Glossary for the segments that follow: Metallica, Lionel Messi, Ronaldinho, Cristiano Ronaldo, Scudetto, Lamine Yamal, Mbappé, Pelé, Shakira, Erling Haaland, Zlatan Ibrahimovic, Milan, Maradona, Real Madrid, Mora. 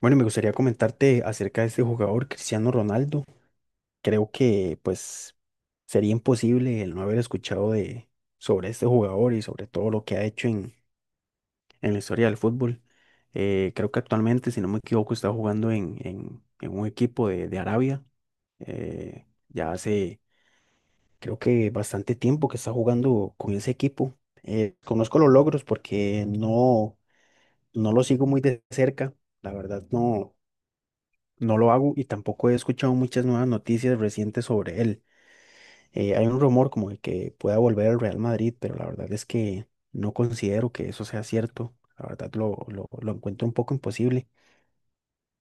Bueno, me gustaría comentarte acerca de este jugador, Cristiano Ronaldo. Creo que pues sería imposible el no haber escuchado de sobre este jugador y sobre todo lo que ha hecho en la historia del fútbol. Creo que actualmente, si no me equivoco, está jugando en un equipo de Arabia. Ya hace creo que bastante tiempo que está jugando con ese equipo. Conozco los logros porque no lo sigo muy de cerca. La verdad, no. No lo hago y tampoco he escuchado muchas nuevas noticias recientes sobre él. Hay un rumor como de que pueda volver al Real Madrid, pero la verdad es que no considero que eso sea cierto. La verdad lo encuentro un poco imposible,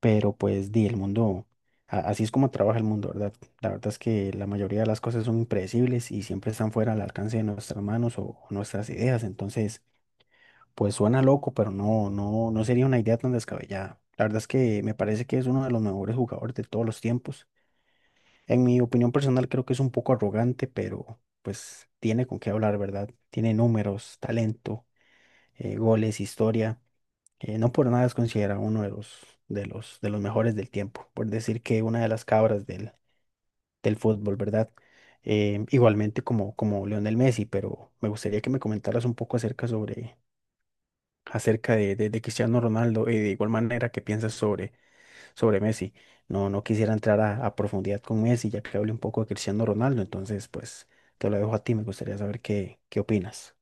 pero pues di, el mundo, así es como trabaja el mundo, ¿verdad? La verdad es que la mayoría de las cosas son impredecibles y siempre están fuera del alcance de nuestras manos o nuestras ideas. Entonces, pues suena loco, pero no, no, no sería una idea tan descabellada. La verdad es que me parece que es uno de los mejores jugadores de todos los tiempos. En mi opinión personal creo que es un poco arrogante, pero pues tiene con qué hablar, ¿verdad? Tiene números, talento, goles, historia. No por nada es considerado uno de los mejores del tiempo, por decir que una de las cabras del fútbol, ¿verdad? Igualmente como, como Lionel Messi, pero me gustaría que me comentaras un poco acerca sobre, acerca de Cristiano Ronaldo y de igual manera que piensas sobre sobre Messi. No, no quisiera entrar a profundidad con Messi, ya que hablé un poco de Cristiano Ronaldo, entonces pues te lo dejo a ti, me gustaría saber qué, qué opinas.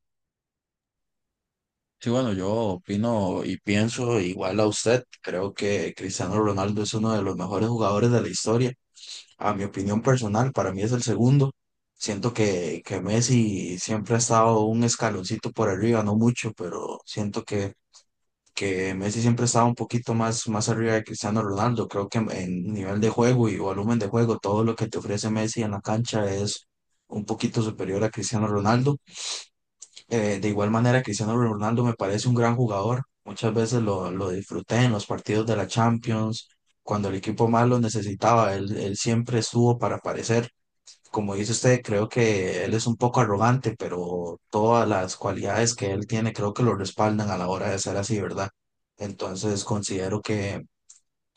Sí, bueno, yo opino y pienso igual a usted. Creo que Cristiano Ronaldo es uno de los mejores jugadores de la historia. A mi opinión personal, para mí es el segundo. Siento que Messi siempre ha estado un escaloncito por arriba, no mucho, pero siento que Messi siempre ha estado un poquito más, más arriba de Cristiano Ronaldo. Creo que en nivel de juego y volumen de juego, todo lo que te ofrece Messi en la cancha es un poquito superior a Cristiano Ronaldo. De igual manera, Cristiano Ronaldo me parece un gran jugador. Muchas veces lo disfruté en los partidos de la Champions. Cuando el equipo más lo necesitaba, él siempre estuvo para aparecer. Como dice usted, creo que él es un poco arrogante, pero todas las cualidades que él tiene creo que lo respaldan a la hora de ser así, ¿verdad? Entonces considero que,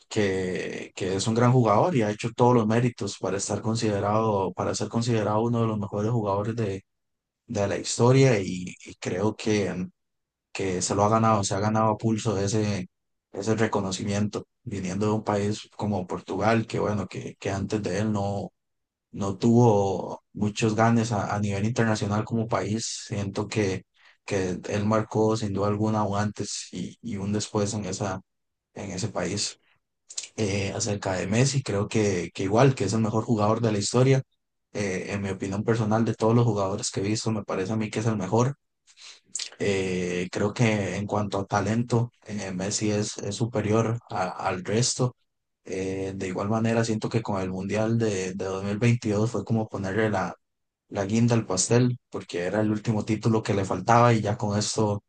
que, que es un gran jugador y ha hecho todos los méritos para estar considerado, para ser considerado uno de los mejores jugadores de la historia y creo que se lo ha ganado, se ha ganado a pulso ese, ese reconocimiento, viniendo de un país como Portugal, que bueno, que antes de él no tuvo muchos ganes a nivel internacional como país. Siento que él marcó sin duda alguna un antes y un después en esa, en ese país. Acerca de Messi, creo que igual, que es el mejor jugador de la historia. En mi opinión personal, de todos los jugadores que he visto, me parece a mí que es el mejor creo que en cuanto a talento, Messi es superior al resto. De igual manera, siento que con el Mundial de 2022 fue como ponerle la, la guinda al pastel, porque era el último título que le faltaba y ya con esto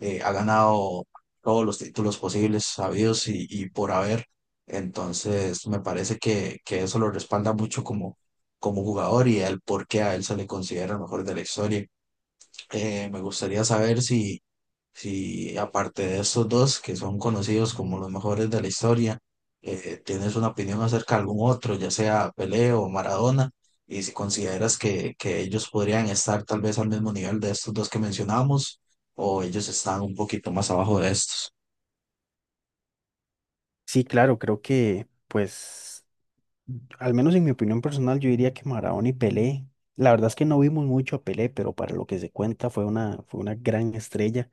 ha ganado todos los títulos posibles, sabidos y por haber. Entonces, me parece que eso lo respalda mucho como, como jugador y el por qué a él se le considera el mejor de la historia. Me gustaría saber si si aparte de estos dos, que son conocidos como los mejores de la historia, tienes una opinión acerca de algún otro, ya sea Pelé o Maradona, y si consideras que ellos podrían estar tal vez al mismo nivel de estos dos que mencionamos, o ellos están un poquito más abajo de estos. Sí, claro, creo que pues, al menos en mi opinión personal, yo diría que Maradona y Pelé, la verdad es que no vimos mucho a Pelé, pero para lo que se cuenta fue una gran estrella.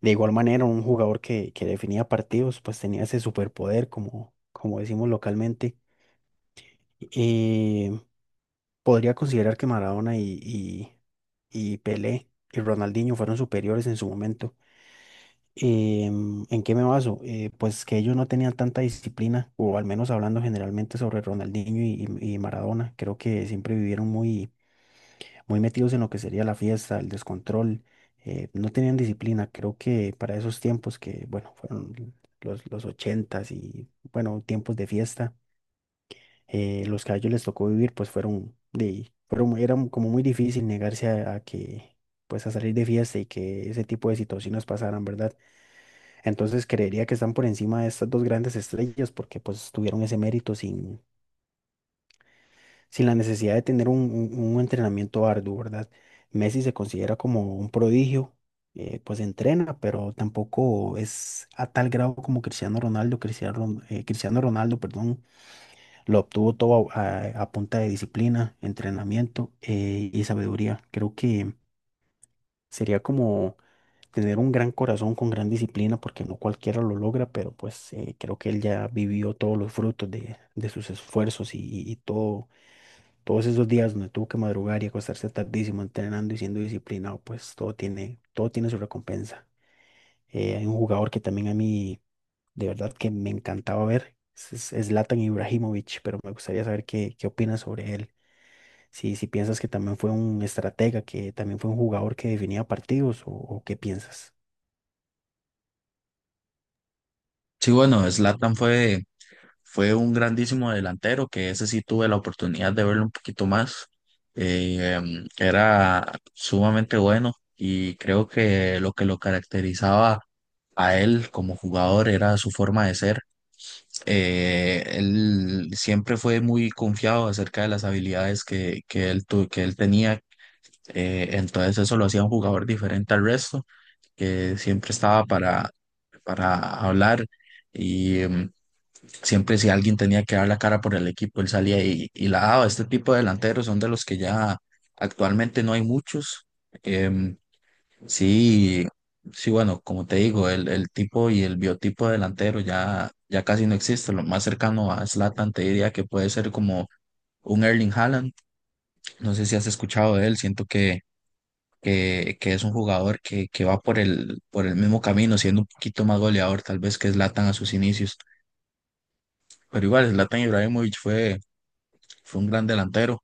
De igual manera, un jugador que definía partidos, pues tenía ese superpoder, como, como decimos localmente. Eh, Podría considerar que Maradona y Pelé y Ronaldinho fueron superiores en su momento. ¿En qué me baso? Pues que ellos no tenían tanta disciplina, o al menos hablando generalmente sobre Ronaldinho y Maradona, creo que siempre vivieron muy, muy metidos en lo que sería la fiesta, el descontrol, no tenían disciplina. Creo que para esos tiempos que, bueno, fueron los ochentas y, bueno, tiempos de fiesta los que a ellos les tocó vivir, pues fueron, era como muy difícil negarse a que, pues a salir de fiesta y que ese tipo de situaciones pasaran, ¿verdad? Entonces creería que están por encima de estas dos grandes estrellas porque pues tuvieron ese mérito sin, sin la necesidad de tener un entrenamiento arduo, ¿verdad? Messi se considera como un prodigio. Pues entrena, pero tampoco es a tal grado como Cristiano Ronaldo, Cristiano Ronaldo, perdón, lo obtuvo todo a punta de disciplina, entrenamiento y sabiduría. Creo que sería como tener un gran corazón con gran disciplina, porque no cualquiera lo logra, pero pues creo que él ya vivió todos los frutos de sus esfuerzos y todos esos días donde tuvo que madrugar y acostarse tardísimo entrenando y siendo disciplinado, pues todo tiene su recompensa. Hay un jugador que también a mí, de verdad, que me encantaba ver. Es Zlatan Ibrahimovic, pero me gustaría saber qué, qué opinas sobre él. Si, si piensas que también fue un estratega, que también fue un jugador que definía partidos, o qué piensas. Sí, bueno, Zlatan fue. Fue un grandísimo delantero, que ese sí tuve la oportunidad de verlo un poquito más. Era sumamente bueno y creo que lo caracterizaba a él como jugador era su forma de ser. Él siempre fue muy confiado acerca de las habilidades que él, que él tenía, entonces eso lo hacía un jugador diferente al resto, que siempre estaba para hablar. Y, em, Siempre si alguien tenía que dar la cara por el equipo, él salía y la daba. Este tipo de delanteros son de los que ya actualmente no hay muchos. Em, sí, sí, bueno, como te digo, el tipo y el biotipo de delantero ya, ya casi no existe. Lo más cercano a Zlatan te diría que puede ser como un Erling Haaland. No sé si has escuchado de él, siento que es un jugador que va por el mismo camino, siendo un poquito más goleador tal vez que Zlatan a sus inicios. Pero igual, Zlatan Ibrahimovic fue fue un gran delantero.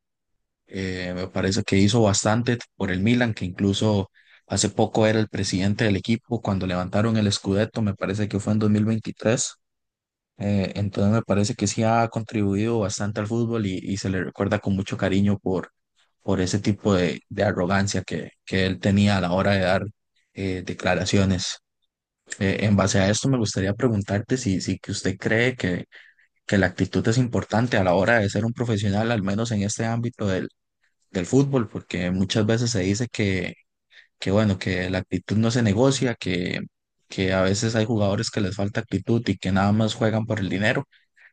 Me parece que hizo bastante por el Milan, que incluso hace poco era el presidente del equipo cuando levantaron el Scudetto, me parece que fue en 2023. Entonces me parece que sí ha contribuido bastante al fútbol y se le recuerda con mucho cariño por ese tipo de arrogancia que él tenía a la hora de dar declaraciones. En base a esto me gustaría preguntarte si, que usted cree que la actitud es importante a la hora de ser un profesional, al menos en este ámbito del del fútbol, porque muchas veces se dice que bueno, que la actitud no se negocia, que a veces hay jugadores que les falta actitud y que nada más juegan por el dinero.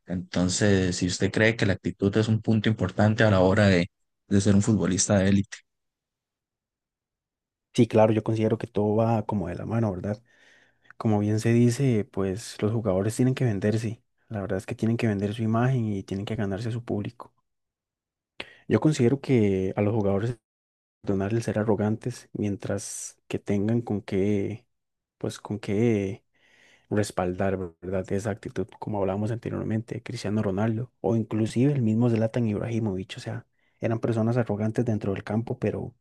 Entonces, si usted cree que la actitud es un punto importante a la hora de ser un futbolista de élite. Sí, claro, yo considero que todo va como de la mano, ¿verdad? Como bien se dice, pues los jugadores tienen que venderse. La verdad es que tienen que vender su imagen y tienen que ganarse a su público. Yo considero que a los jugadores perdonar el ser arrogantes mientras que tengan con qué, pues con qué respaldar, ¿verdad? Esa actitud, como hablábamos anteriormente, Cristiano Ronaldo o inclusive el mismo Zlatan Ibrahimovic, o sea, eran personas arrogantes dentro del campo,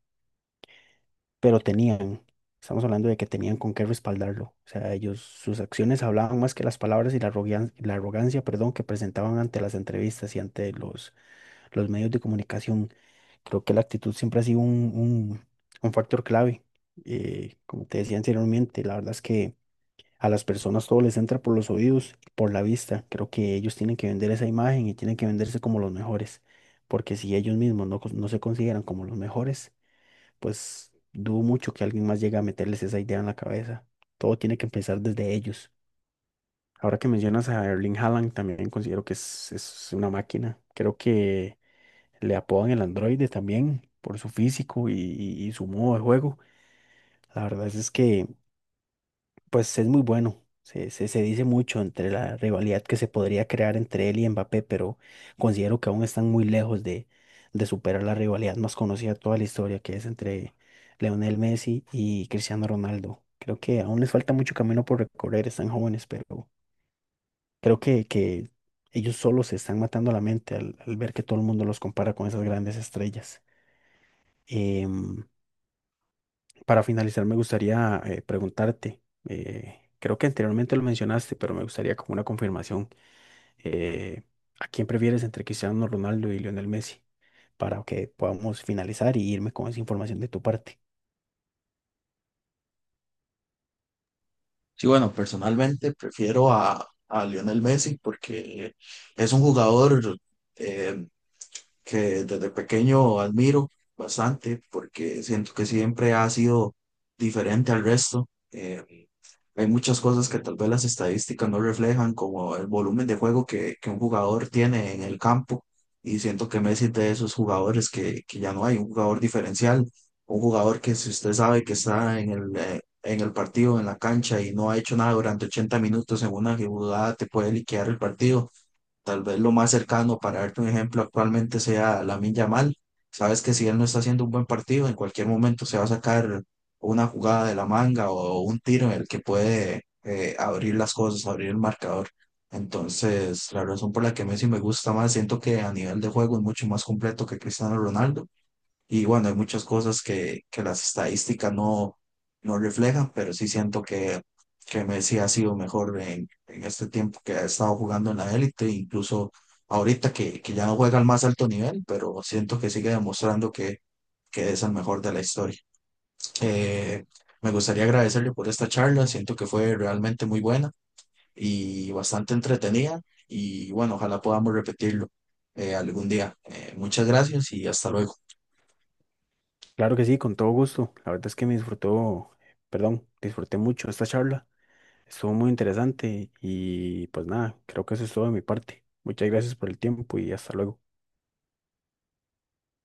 pero tenían, estamos hablando de que tenían con qué respaldarlo, o sea, ellos, sus acciones hablaban más que las palabras y la arrogancia, perdón, que presentaban ante las entrevistas y ante los medios de comunicación. Creo que la actitud siempre ha sido un factor clave. Como te decía anteriormente, la verdad es que a las personas todo les entra por los oídos, por la vista. Creo que ellos tienen que vender esa imagen y tienen que venderse como los mejores, porque si ellos mismos no se consideran como los mejores, pues dudo mucho que alguien más llegue a meterles esa idea en la cabeza. Todo tiene que empezar desde ellos. Ahora que mencionas a Erling Haaland, también considero que es una máquina. Creo que le apodan el androide también por su físico y su modo de juego. La verdad es que pues es muy bueno. Se dice mucho entre la rivalidad que se podría crear entre él y Mbappé, pero considero que aún están muy lejos de superar la rivalidad más conocida de toda la historia, que es entre Leonel Messi y Cristiano Ronaldo. Creo que aún les falta mucho camino por recorrer, están jóvenes, pero creo que ellos solo se están matando la mente al ver que todo el mundo los compara con esas grandes estrellas. Em, Para finalizar, me gustaría preguntarte, creo que anteriormente lo mencionaste, pero me gustaría como una confirmación, eh, ¿a quién prefieres entre Cristiano Ronaldo y Lionel Messi? Para que podamos finalizar y irme con esa información de tu parte. Sí, bueno, personalmente prefiero a Lionel Messi porque es un jugador... eh, que desde pequeño admiro bastante porque siento que siempre ha sido diferente al resto. Hay muchas cosas que tal vez las estadísticas no reflejan, como el volumen de juego que un jugador tiene en el campo. Y siento que Messi es de esos jugadores que ya no hay, un jugador diferencial, un jugador que si usted sabe que está en el partido, en la cancha y no ha hecho nada durante 80 minutos en una jugada, te puede liquidar el partido. Tal vez lo más cercano, para darte un ejemplo, actualmente sea Lamine Yamal. Sabes que si él no está haciendo un buen partido, en cualquier momento se va a sacar una jugada de la manga o un tiro en el que puede abrir las cosas, abrir el marcador. Entonces, la razón por la que Messi me gusta más, siento que a nivel de juego es mucho más completo que Cristiano Ronaldo. Y bueno, hay muchas cosas que las estadísticas no, no reflejan, pero sí siento que Messi ha sido mejor en este tiempo que ha estado jugando en la élite, incluso ahorita que ya no juega al más alto nivel, pero siento que sigue demostrando que es el mejor de la historia. Eh, Me gustaría agradecerle por esta charla, siento que fue realmente muy buena y bastante entretenida y bueno, ojalá podamos repetirlo algún día. Muchas gracias y hasta luego. Claro que sí, con todo gusto. La verdad es que perdón, disfruté mucho esta charla. Estuvo muy interesante y pues nada, creo que eso es todo de mi parte. Muchas gracias por el tiempo y hasta luego.